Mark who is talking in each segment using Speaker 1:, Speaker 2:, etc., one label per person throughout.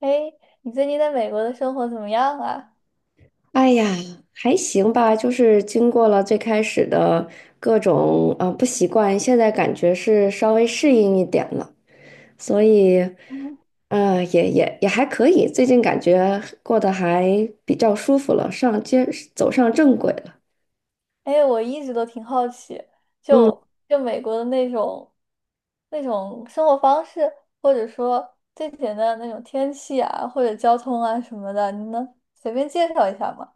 Speaker 1: 哎，你最近在美国的生活怎么样啊？
Speaker 2: 哎呀，还行吧，就是经过了最开始的各种不习惯，现在感觉是稍微适应一点了，所以，
Speaker 1: 嗯，
Speaker 2: 也还可以，最近感觉过得还比较舒服了，上街走上正轨了。
Speaker 1: 哎，我一直都挺好奇，就
Speaker 2: 嗯。
Speaker 1: 就美国的那种生活方式，或者说最简单的那种天气啊，或者交通啊什么的，你能随便介绍一下吗？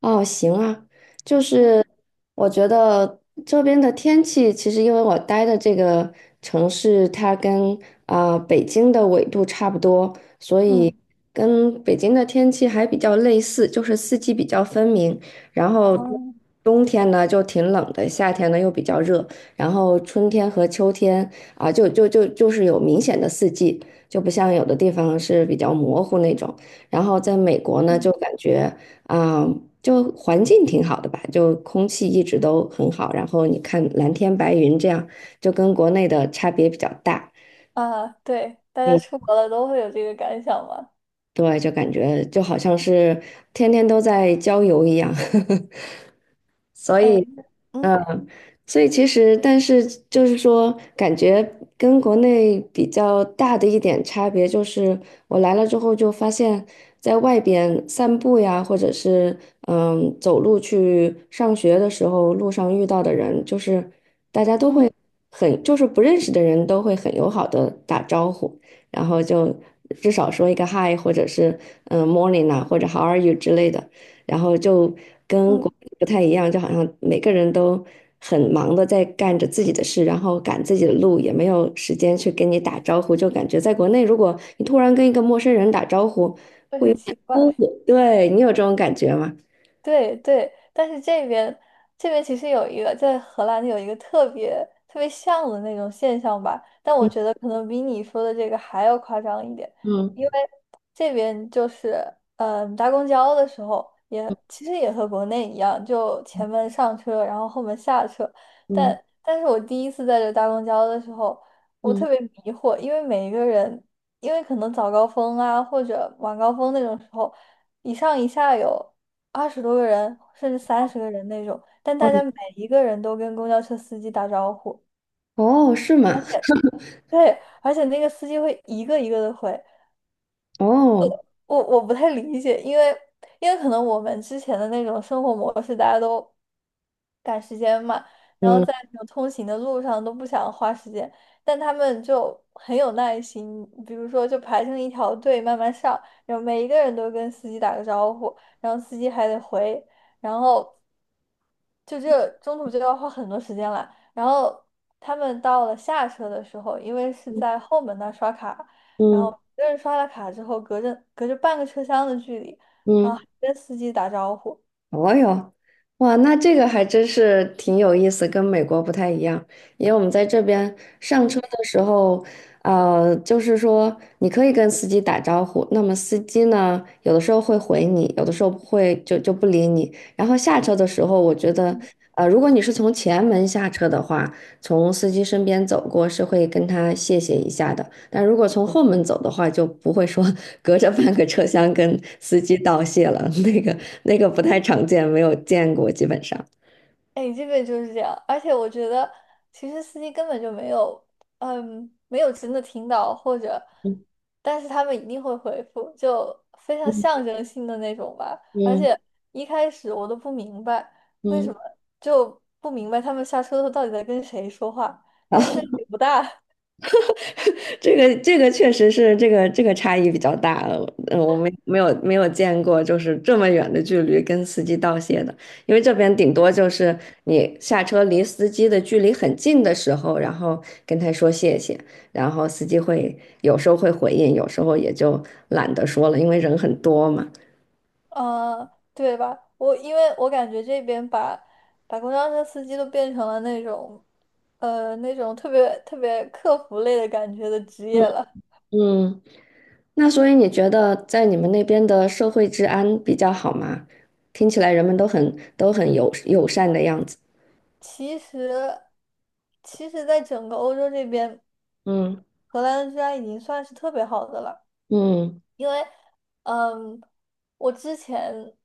Speaker 2: 哦，行啊，就是
Speaker 1: 嗯
Speaker 2: 我觉得这边的天气，其实因为我待的这个城市，它跟北京的纬度差不多，所
Speaker 1: 嗯
Speaker 2: 以跟北京的天气还比较类似，就是四季比较分明。然后
Speaker 1: 哦，
Speaker 2: 冬天呢就挺冷的，夏天呢又比较热，然后春天和秋天就是有明显的四季，就不像有的地方是比较模糊那种。然后在美国呢，
Speaker 1: 嗯，
Speaker 2: 就感觉。啊、就环境挺好的吧，就空气一直都很好，然后你看蓝天白云这样，就跟国内的差别比较大。
Speaker 1: 啊，对，大家
Speaker 2: 嗯，
Speaker 1: 出国了都会有这个感想吗？
Speaker 2: 对，就感觉就好像是天天都在郊游一样。所
Speaker 1: 哎，
Speaker 2: 以，
Speaker 1: 嗯
Speaker 2: 嗯，所以其实，但是就是说，感觉跟国内比较大的一点差别就是，我来了之后就发现，在外边散步呀，或者是走路去上学的时候，路上遇到的人，就是
Speaker 1: 嗯
Speaker 2: 就是不认识的人都会很友好的打招呼，然后就至少说一个 hi，或者是morning 啊，或者 how are you 之类的，然后就跟国
Speaker 1: 嗯，
Speaker 2: 内不太一样，就好像每个人都很忙的在干着自己的事，然后赶自己的路，也没有时间去跟你打招呼，就感觉在国内，如果你突然跟一个陌生人打招呼，
Speaker 1: 会很奇
Speaker 2: 姑
Speaker 1: 怪。
Speaker 2: 对你有这种感觉吗？
Speaker 1: 对对，但是这边其实有一个在荷兰有一个特别特别像的那种现象吧，但我
Speaker 2: 嗯
Speaker 1: 觉得可能比你说的这个还要夸张一点，因为
Speaker 2: 嗯
Speaker 1: 这边就是搭公交的时候也其实也和国内一样，就前门上车，然后后门下车，
Speaker 2: 嗯
Speaker 1: 但是我第一次在这搭公交的时候，我
Speaker 2: 嗯，
Speaker 1: 特别迷惑，因为每一个人，因为可能早高峰啊或者晚高峰那种时候。一上一下有。20多个人，甚至30个人那种，但
Speaker 2: 哦
Speaker 1: 大家每一个人都跟公交车司机打招呼。
Speaker 2: 哦，是吗？
Speaker 1: 对，而且那个司机会一个一个的回，
Speaker 2: 哦，
Speaker 1: 我不太理解，因为可能我们之前的那种生活模式，大家都赶时间嘛，然后
Speaker 2: 嗯
Speaker 1: 在那种通行的路上都不想花时间，但他们就很有耐心，比如说就排成一条队慢慢上，然后每一个人都跟司机打个招呼，然后司机还得回，然后就这中途就要花很多时间了，然后他们到了下车的时候，因为是在后门那儿刷卡。然后
Speaker 2: 嗯
Speaker 1: 一个人刷了卡之后，隔着半个车厢的距离，然后
Speaker 2: 嗯。
Speaker 1: 还跟司机打招呼。
Speaker 2: 哦哟，哇，那这个还真是挺有意思，跟美国不太一样。因为我们在这边上车
Speaker 1: 嗯，
Speaker 2: 的时候，就是说你可以跟司机打招呼，那么司机呢，有的时候会回你，有的时候不会就不理你。然后下车的时候，我觉得，如果你是从前门下车的话，从司机身边走过是会跟他谢谢一下的，但如果从后门走的话，就不会说 隔着半个车厢跟司机道谢了，那个不太常见，没有见过，基本上。
Speaker 1: 哎，这个就是这样。而且我觉得，其实司机根本就没有，没有真的听到，或者，
Speaker 2: 嗯
Speaker 1: 但是他们一定会回复，就非常
Speaker 2: 嗯
Speaker 1: 象征性的那种吧。而
Speaker 2: 嗯
Speaker 1: 且一开始我都不明白为
Speaker 2: 嗯，
Speaker 1: 什么，就不明白他们下车后到底在跟谁说话，因
Speaker 2: 好，
Speaker 1: 为声音也不大。
Speaker 2: 这个确实是这个差异比较大，我没有见过就是这么远的距离跟司机道谢的，因为这边顶多就是你下车离司机的距离很近的时候，然后跟他说谢谢，然后司机会有时候会回应，有时候也就懒得说了，因为人很多嘛。
Speaker 1: 嗯，对吧？因为我感觉这边把公交车司机都变成了那种，那种特别特别客服类的感觉的职业
Speaker 2: 嗯
Speaker 1: 了。
Speaker 2: 嗯，那所以你觉得在你们那边的社会治安比较好吗？听起来人们都很友善的样子。
Speaker 1: 其实，其实，在整个欧洲这边，
Speaker 2: 嗯
Speaker 1: 荷兰的治安已经算是特别好的了。
Speaker 2: 嗯。
Speaker 1: 因为，嗯，我之前，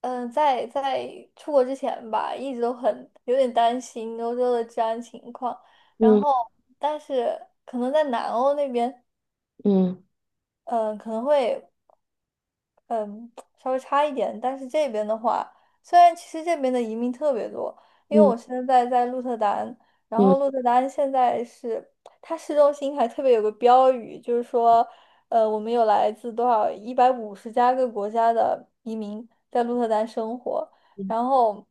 Speaker 1: 在出国之前吧，一直都很有点担心欧洲的治安情况，然
Speaker 2: 嗯
Speaker 1: 后，但是可能在南欧那边。
Speaker 2: 嗯
Speaker 1: 可能会嗯稍微差一点，但是这边的话，虽然其实这边的移民特别多，因为
Speaker 2: 嗯
Speaker 1: 我现在在鹿特丹，然后鹿
Speaker 2: 嗯
Speaker 1: 特丹现在是它市中心还特别有个标语，就是说，我们有来自多少150加个国家的移民在鹿特丹生活，
Speaker 2: 嗯
Speaker 1: 然后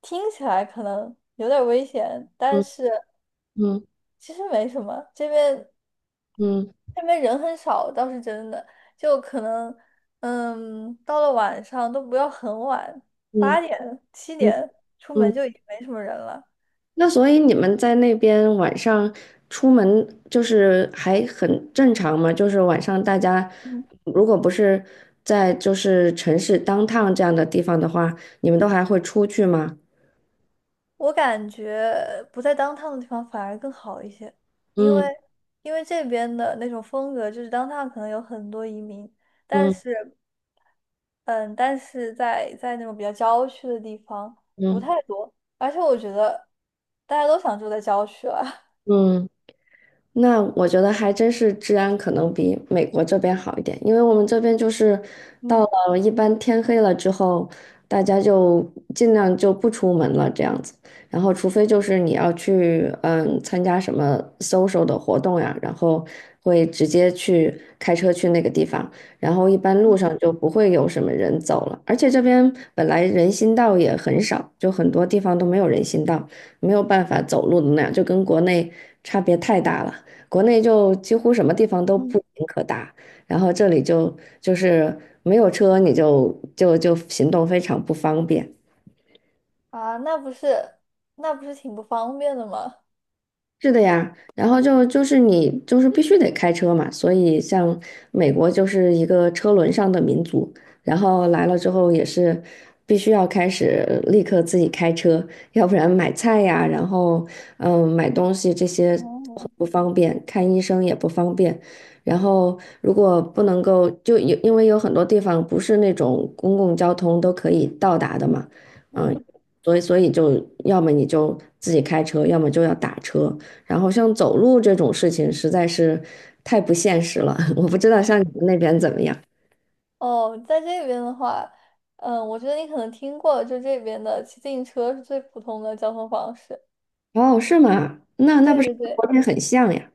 Speaker 1: 听起来可能有点儿危险，但
Speaker 2: 嗯
Speaker 1: 是
Speaker 2: 嗯
Speaker 1: 其实没什么，这边
Speaker 2: 嗯
Speaker 1: 那边人很少倒是真的，就可能，到了晚上都不要很晚，
Speaker 2: 嗯
Speaker 1: 8点、七
Speaker 2: 嗯
Speaker 1: 点出门
Speaker 2: 嗯。
Speaker 1: 就已经没什么人了。
Speaker 2: 那所以你们在那边晚上出门就是还很正常吗？就是晚上大家
Speaker 1: 嗯，
Speaker 2: 如果不是在就是城市当 o 这样的地方的话，你们都还会出去吗？
Speaker 1: 我感觉不在当 o 的地方反而更好一些，因
Speaker 2: 嗯
Speaker 1: 为因为这边的那种风格就是当 o 可能有很多移民，但
Speaker 2: 嗯
Speaker 1: 是，嗯，但是在那种比较郊区的地方不
Speaker 2: 嗯
Speaker 1: 太多，而且我觉得大家都想住在郊区了，
Speaker 2: 嗯那我觉得还真是治安可能比美国这边好一点，因为我们这边就是 到
Speaker 1: 嗯。
Speaker 2: 了一般天黑了之后，大家就尽量就不出门了这样子，然后除非就是你要去参加什么 social 的活动呀，然后会直接去开车去那个地方，然后一般路
Speaker 1: 嗯
Speaker 2: 上就不会有什么人走了，而且这边本来人行道也很少，就很多地方都没有人行道，没有办法走路的那样，就跟国内差别太大了。国内就几乎什么地方都不
Speaker 1: 嗯。
Speaker 2: 行可达，然后这里就是没有车，你就行动非常不方便。
Speaker 1: 啊，那不是挺不方便的吗？
Speaker 2: 是的呀，然后你就是必须得开车嘛，所以像美国就是一个车轮上的民族，然后来了之后也是必须要开始立刻自己开车，要不然买菜呀，然后买东西这些很
Speaker 1: 哦，
Speaker 2: 不方便，看医生也不方便，然后如果不能够就有因为有很多地方不是那种公共交通都可以到达的嘛，嗯，
Speaker 1: 嗯，
Speaker 2: 所以就要么你就自己开车，要么就要打车。然后像走路这种事情实在是太不现实了，我不知道像你们那边怎么样。
Speaker 1: 哦，在这边的话，我觉得你可能听过，就这边的骑自行车是最普通的交通方式。
Speaker 2: 哦，是吗？那
Speaker 1: 对
Speaker 2: 不是
Speaker 1: 对
Speaker 2: 跟
Speaker 1: 对，
Speaker 2: 国内很像呀？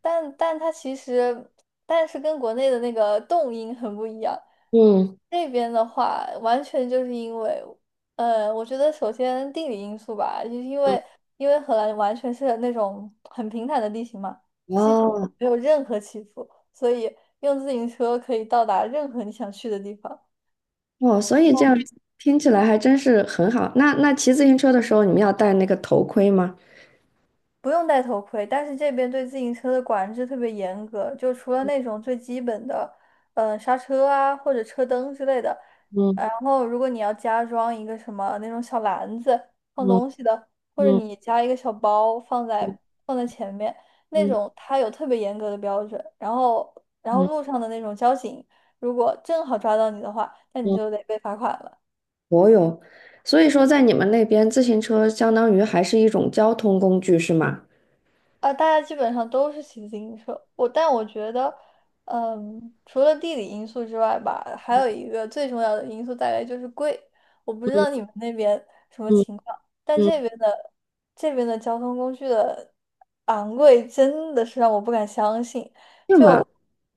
Speaker 1: 但但它其实，但是跟国内的那个动音很不一样。
Speaker 2: 嗯，
Speaker 1: 这边的话，完全就是因为，我觉得首先地理因素吧，就是因为荷兰完全是那种很平坦的地形嘛，基本
Speaker 2: 哦
Speaker 1: 没有任何起伏，所以用自行车可以到达任何你想去的地方。
Speaker 2: 哦，所以这样听起来还真是很好。那骑自行车的时候，你们要戴那个头盔吗？
Speaker 1: 不用戴头盔，但是这边对自行车的管制特别严格，就除了那种最基本的，刹车啊或者车灯之类的，
Speaker 2: 嗯
Speaker 1: 然后如果你要加装一个什么那种小篮子放
Speaker 2: 嗯
Speaker 1: 东西的，或者
Speaker 2: 嗯
Speaker 1: 你加一个小包放在前面那
Speaker 2: 嗯
Speaker 1: 种，它有特别严格的标准。然后
Speaker 2: 嗯
Speaker 1: 路上的那种交警，如果正好抓到你的话，那你
Speaker 2: 嗯，
Speaker 1: 就得被罚款了。
Speaker 2: 我有。所以说，在你们那边，自行车相当于还是一种交通工具，是吗？
Speaker 1: 啊，大家基本上都是骑自行车。但我觉得，除了地理因素之外吧，还有一个最重要的因素大概就是贵。我不知道你
Speaker 2: 嗯
Speaker 1: 们那边什么
Speaker 2: 嗯
Speaker 1: 情况，但这
Speaker 2: 嗯，
Speaker 1: 边的这边的交通工具的昂贵真的是让我不敢相信。
Speaker 2: 是吗？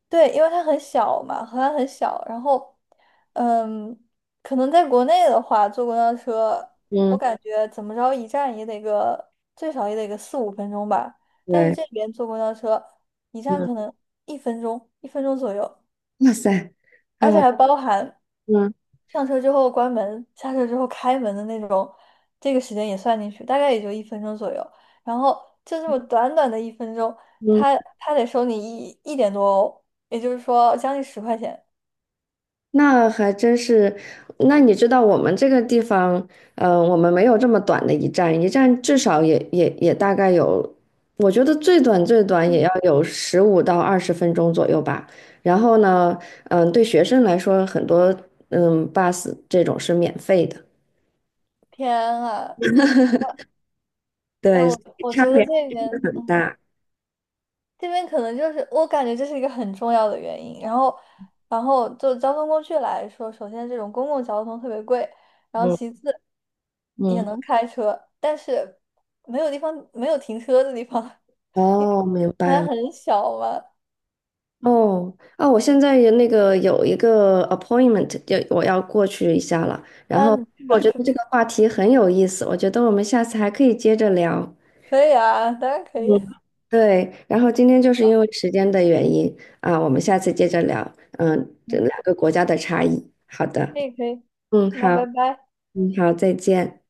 Speaker 1: 对，因为它很小嘛，荷兰很小，然后，嗯，可能在国内的话，坐公交车，我
Speaker 2: 嗯，
Speaker 1: 感觉怎么着一站也得个最少也得个四五分钟吧，但是
Speaker 2: 对，
Speaker 1: 这边坐公交车，一站
Speaker 2: 嗯，
Speaker 1: 可能一分钟，一分钟左右，
Speaker 2: 哇塞，啊，
Speaker 1: 而且还包含
Speaker 2: 嗯
Speaker 1: 上车之后关门，下车之后开门的那种，这个时间也算进去，大概也就一分钟左右，然后就这么短短的一分钟，
Speaker 2: 嗯，
Speaker 1: 他得收你一点多欧，也就是说将近10块钱。
Speaker 2: 那还真是。那你知道我们这个地方，我们没有这么短的一站，一站至少也大概有，我觉得最短最短也
Speaker 1: 嗯
Speaker 2: 要有15到20分钟左右吧。然后呢，对学生来说，很多bus 这种是免费的，
Speaker 1: 天啊，哎，
Speaker 2: 对，所
Speaker 1: 我
Speaker 2: 以
Speaker 1: 我
Speaker 2: 差
Speaker 1: 觉得
Speaker 2: 别
Speaker 1: 这
Speaker 2: 真的
Speaker 1: 边，
Speaker 2: 很大。
Speaker 1: 这边可能就是我感觉这是一个很重要的原因。然后就交通工具来说，首先这种公共交通特别贵，然后
Speaker 2: 嗯
Speaker 1: 其次也
Speaker 2: 嗯，
Speaker 1: 能开车，但是没有停车的地方，因为
Speaker 2: 哦，明
Speaker 1: 好
Speaker 2: 白
Speaker 1: 像
Speaker 2: 了。
Speaker 1: 很小嘛。
Speaker 2: 哦，啊，我现在有一个 appointment，我要过去一下了。然
Speaker 1: 啊，
Speaker 2: 后
Speaker 1: 你去
Speaker 2: 我
Speaker 1: 吧，
Speaker 2: 觉
Speaker 1: 去
Speaker 2: 得
Speaker 1: 吧，
Speaker 2: 这个话题很有意思，我觉得我们下次还可以接着聊。
Speaker 1: 可以啊，当然可
Speaker 2: 嗯，
Speaker 1: 以，
Speaker 2: 对，然后今天就是因为时间的原因啊，我们下次接着聊。嗯，这两个国家的差异。好的，
Speaker 1: 可以可以，
Speaker 2: 嗯，好，
Speaker 1: 那拜拜。
Speaker 2: 嗯，好，再见。